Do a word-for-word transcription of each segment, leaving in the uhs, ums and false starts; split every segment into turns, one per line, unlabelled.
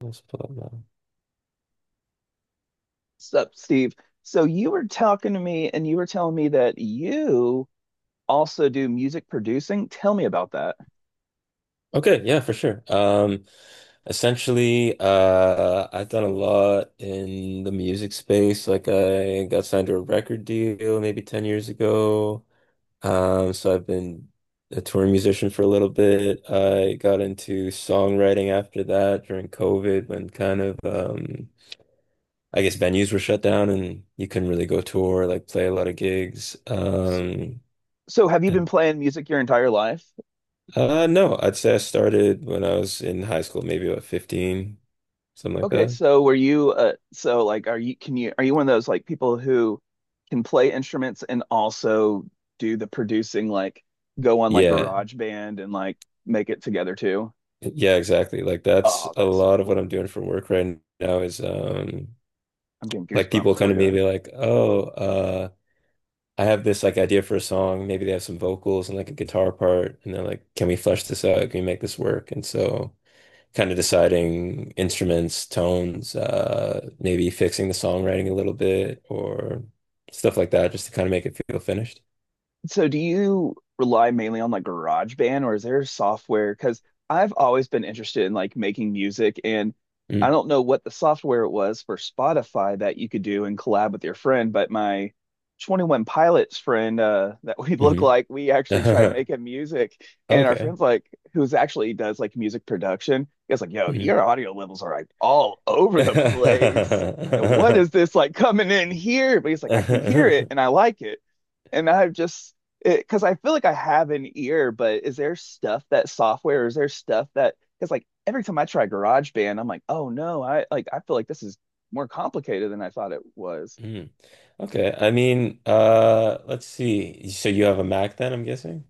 Let's pull up now.
Sup, Steve? So you were talking to me and you were telling me that you also do music producing. Tell me about that.
Okay, yeah, for sure. Um, essentially, uh, I've done a lot in the music space. Like, I got signed to a record deal maybe ten years ago. Um, so I've been a touring musician for a little bit. I got into songwriting after that during COVID when kind of, um, I guess venues were shut down and you couldn't really go tour, like play a lot of gigs.
S-
Um,
So, have you been playing music your entire life?
Uh, no, I'd say I started when I was in high school, maybe about fifteen, something like
Okay,
that.
so were you uh so like are you can you are you one of those like people who can play instruments and also do the producing, like go on like
Yeah.
GarageBand and like make it together too?
Yeah, exactly. Like that's
Oh,
a
that's so
lot of what
cool.
I'm doing for work right now is um
I'm getting
like people
goosebumps
come
for
to me and
you.
be like, "Oh, uh I have this like idea for a song. Maybe they have some vocals and like a guitar part and they're like, "Can we flesh this out? Can we make this work?" And so kind of deciding instruments, tones, uh maybe fixing the songwriting a little bit or stuff like that just to kind of make it feel finished.
So do you rely mainly on like GarageBand, or is there software? Because I've always been interested in like making music, and I
Mm.
don't know what the software it was for Spotify that you could do and collab with your friend, but my twenty-one Pilots friend uh, that we look
hmm
like, we actually tried making music and our
Okay.
friend's like, who's actually does like music production, he was like, yo,
Mhm.
your audio levels are like all over the place. And what is this like coming in here? But he's like, I can hear it and I like and I've just because I feel like I have an ear, but is there stuff that software, is there stuff that, because like every time I try GarageBand, I'm like, oh no, I, like I feel like this is more complicated than I thought it was.
Mhm. Okay. I mean, uh, let's see. So you have a Mac then, I'm guessing?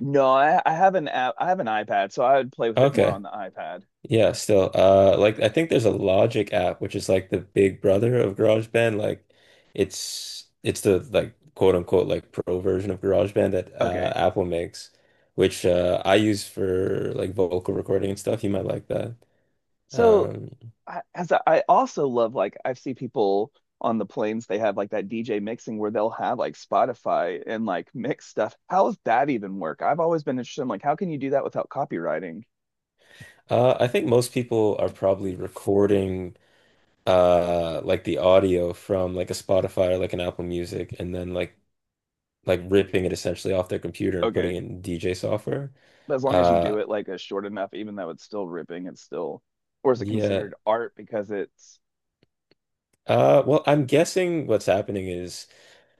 No, I, I have an app, I have an iPad, so I would play with it more
Okay.
on the iPad.
Yeah, still. Uh, like I think there's a Logic app, which is like the big brother of GarageBand. Like it's it's the like quote unquote like pro version of GarageBand that uh
Okay.
Apple makes, which uh I use for like vocal recording and stuff. You might like that.
So
Um,
I, as I, I also love like I see people on the planes they have like that D J mixing where they'll have like Spotify and like mix stuff. How does that even work? I've always been interested in like how can you do that without copywriting?
Uh, I think most people are probably recording uh like the audio from like a Spotify or like an Apple Music and then like like ripping it essentially off their computer and putting
Okay.
it in D J software.
But as long as you do
Uh
it like a short enough, even though it's still ripping, it's still, or is it
yeah.
considered art because it's,
Uh well, I'm guessing what's happening is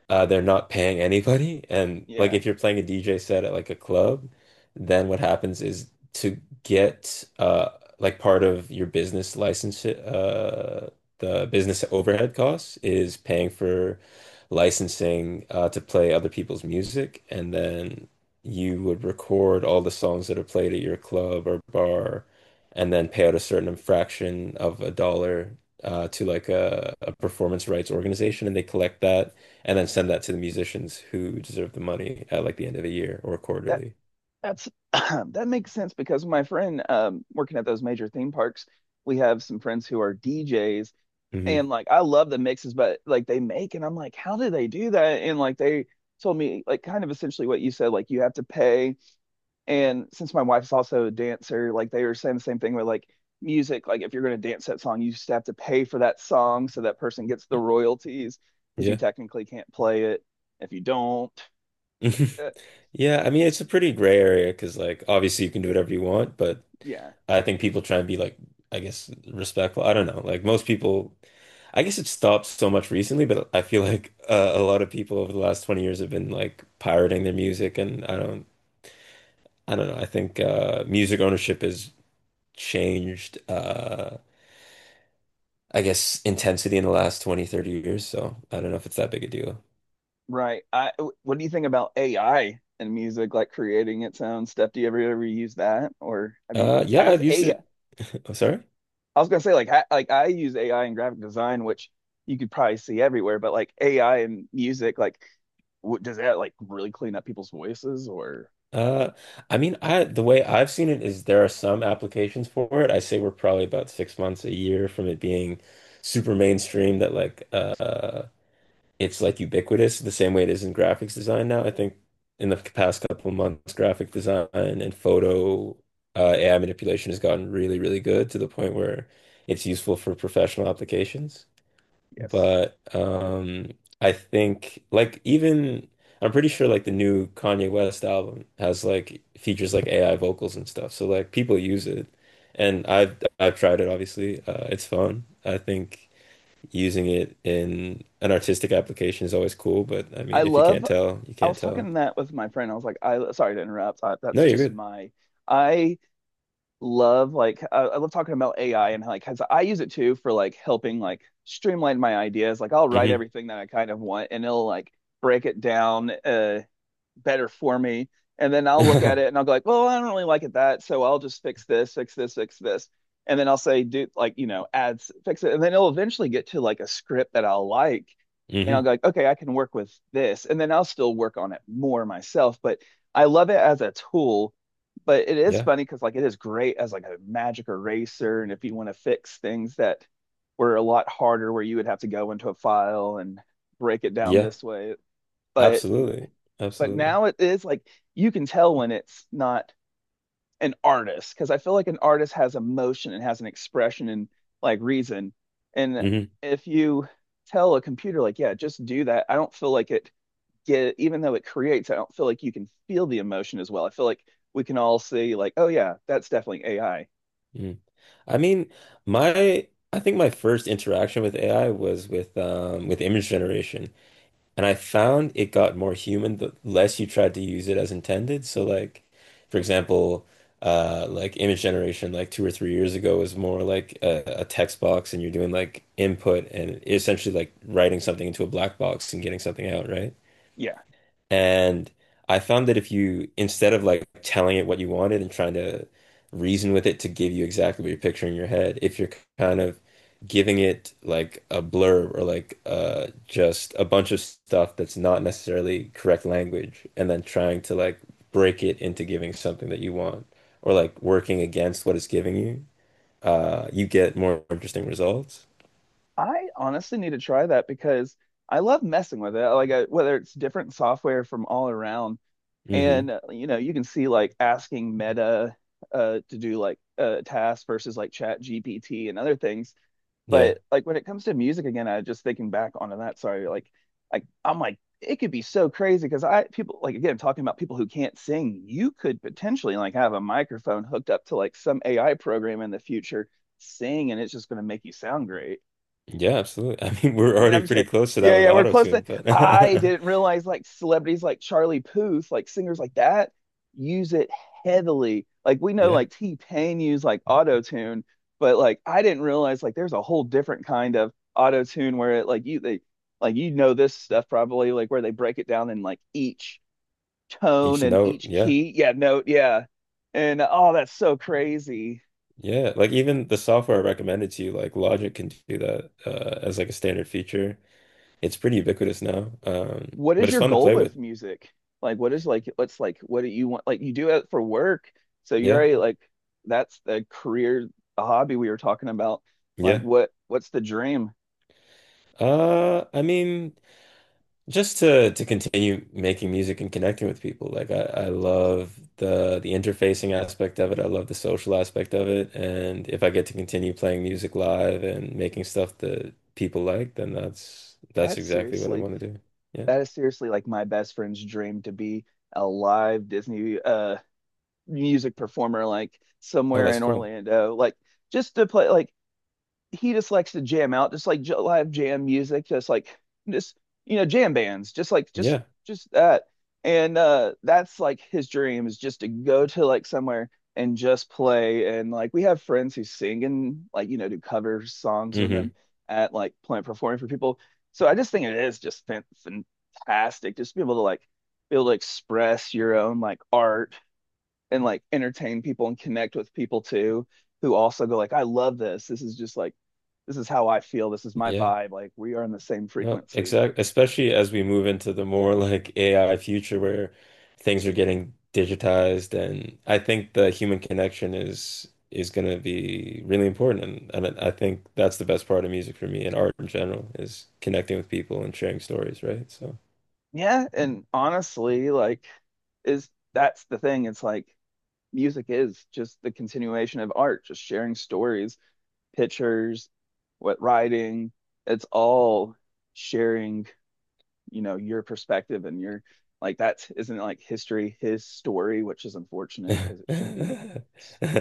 uh, they're not paying anybody. And like
yeah.
if you're playing a D J set at like a club, then what happens is to get uh, like part of your business license, uh, the business overhead costs is paying for licensing uh, to play other people's music. And then you would record all the songs that are played at your club or bar and then pay out a certain fraction of a dollar. Uh, to like a, a performance rights organization, and they collect that and then send that to the musicians who deserve the money at like the end of the year or
That
quarterly.
that's that makes sense because my friend um working at those major theme parks, we have some friends who are D Js, and
Hmm
like I love the mixes but like they make, and I'm like, how do they do that? And like they told me like kind of essentially what you said, like you have to pay. And since my wife's also a dancer, like they were saying the same thing with like music, like if you're going to dance that song, you just have to pay for that song so that person gets the royalties because you
Yeah.
technically can't play it if you don't. Uh,
Yeah, I mean it's a pretty gray area because like obviously you can do whatever you want, but
yeah,
I think people try and be like I guess respectful. I don't know. Like most people I guess it stopped so much recently, but I feel like uh, a lot of people over the last twenty years have been like pirating their music and I don't I don't know. I think uh music ownership has changed uh I guess, intensity in the last twenty thirty years. So I don't know if it's that big a deal.
right. I, what do you think about A I and music, like creating its own stuff? Do you ever ever use that, or have you,
Uh, yeah,
has
I've used
A I? I
it. Oh, sorry.
I was gonna say like ha, like I use A I in graphic design, which you could probably see everywhere, but like A I and music, like what, does that like really clean up people's voices, or,
Uh, I mean, I the way I've seen it is there are some applications for it. I say we're probably about six months, a year from it being super mainstream that like uh it's like ubiquitous the same way it is in graphics design now. I think in the past couple months, graphic design and photo uh, A I manipulation has gotten really, really good to the point where it's useful for professional applications.
yes.
But um I think like even I'm pretty sure like the new Kanye West album has like features like A I vocals and stuff. So like people use it. And I've I've tried it obviously. Uh it's fun. I think using it in an artistic application is always cool, but I
I
mean if you
love,
can't tell, you
I
can't
was
tell.
talking that with my friend. I was like, I, sorry to interrupt, I, that's
No, you're
just
good.
my, I love like, I, I love talking about A I and how, like, 'cause I use it too for like helping like streamline my ideas. Like, I'll write
Hmm
everything that I kind of want and it'll like break it down, uh, better for me. And then I'll look at it and I'll go like, well, I don't really like it that, so I'll just fix this, fix this, fix this. And then I'll say, do like, you know, ads, fix it. And then it'll eventually get to like a script that I'll like. And I'll
hmm
go like, okay, I can work with this. And then I'll still work on it more myself. But I love it as a tool. But it is
Yeah.
funny because like it is great as like a magic eraser. And if you want to fix things that were a lot harder where you would have to go into a file and break it down
Yeah.
this way. But
Absolutely.
but
Absolutely.
now it is like you can tell when it's not an artist, because I feel like an artist has emotion and has an expression and like reason. And
Hmm
if you tell a computer like, yeah, just do that, I don't feel like it get, even though it creates, I don't feel like you can feel the emotion as well. I feel like we can all see like, oh yeah, that's definitely A I.
I mean, my I think my first interaction with A I was with um with image generation, and I found it got more human the less you tried to use it as intended. So like, for example, uh like image generation like two or three years ago was more like a, a text box and you're doing like input and essentially like writing something into a black box and getting something out, right?
Yeah.
And I found that if you, instead of like telling it what you wanted and trying to reason with it to give you exactly what you're picturing in your head, if you're kind of giving it like a blurb or like uh, just a bunch of stuff that's not necessarily correct language, and then trying to like break it into giving something that you want or like working against what it's giving you, uh, you get more interesting results.
I honestly need to try that because I love messing with it. Like I, whether it's different software from all around.
Hmm
And uh, you know, you can see like asking Meta uh to do like a task versus like Chat G P T and other things.
Yeah.
But like when it comes to music again, I just thinking back onto that, sorry, like like I'm like it could be so crazy because I people like again talking about people who can't sing, you could potentially like have a microphone hooked up to like some A I program in the future sing, and it's just going to make you sound great.
Yeah, absolutely. I mean, we're
I mean, I'm
already
just
pretty
saying,
close to that
yeah,
with
yeah, we're
auto
close to.
tune, but
I didn't realize like celebrities like Charlie Puth, like singers like that, use it heavily. Like we know
yeah.
like T-Pain used like auto-tune, but like I didn't realize like there's a whole different kind of auto-tune where it like you they like you know this stuff probably like where they break it down in like each tone
Each
and
note,
each
yeah.
key. Yeah, note, yeah. And oh, that's so crazy.
Yeah. Like even the software I recommended to you, like Logic can do that uh, as like a standard feature. It's pretty ubiquitous now. Um,
What
but
is
it's
your
fun to
goal
play with.
with music? Like, what is like, what's like, what do you want? Like, you do it for work, so you're
Yeah.
already like, that's the career, the hobby we were talking about. Like,
Yeah.
what, what's the dream?
Uh, I mean, just to to continue making music and connecting with people. Like I, I
It's awesome.
love the the interfacing aspect of it. I love the social aspect of it. And if I get to continue playing music live and making stuff that people like, then that's that's
That's
exactly what I
seriously,
want to do. Yeah.
that is seriously like my best friend's dream to be a live Disney uh music performer, like
Oh,
somewhere
that's
in
cool.
Orlando, like just to play, like he just likes to jam out, just like live jam music, just like just you know jam bands, just like just
Yeah.
just that. And uh that's like his dream is just to go to like somewhere and just play. And like we have friends who sing and like you know do cover songs with them
hmm
at like plant performing for people. So I just think it is just fan fantastic, just be able to like be able to express your own like art and like entertain people and connect with people too who also go like, I love this. This is just like this is how I feel. This is my
Yeah,
vibe. Like we are in the same
no,
frequency.
exact. Especially as we move into the more like A I future where things are getting digitized, and I think the human connection is is going to be really important. And, and I think that's the best part of music for me and art in general is connecting with people and sharing stories, right? So,
Yeah, and honestly like is that's the thing. It's like music is just the continuation of art, just sharing stories, pictures, what writing. It's all sharing, you know, your perspective and your like that isn't like history, his story, which is unfortunate because it should be
yeah,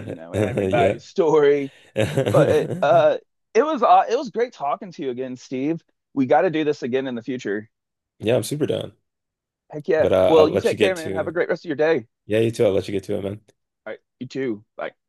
you know
yeah,
everybody's story, but it, uh it was uh, it was great talking to you again, Steve. We got to do this again in the future.
I'm super down.
Heck yeah,
But uh, I'll
well you
let you
take care,
get
man, have a
to.
great rest of your day.
Yeah, you too. I'll let you get to it, man.
All right, you too, bye.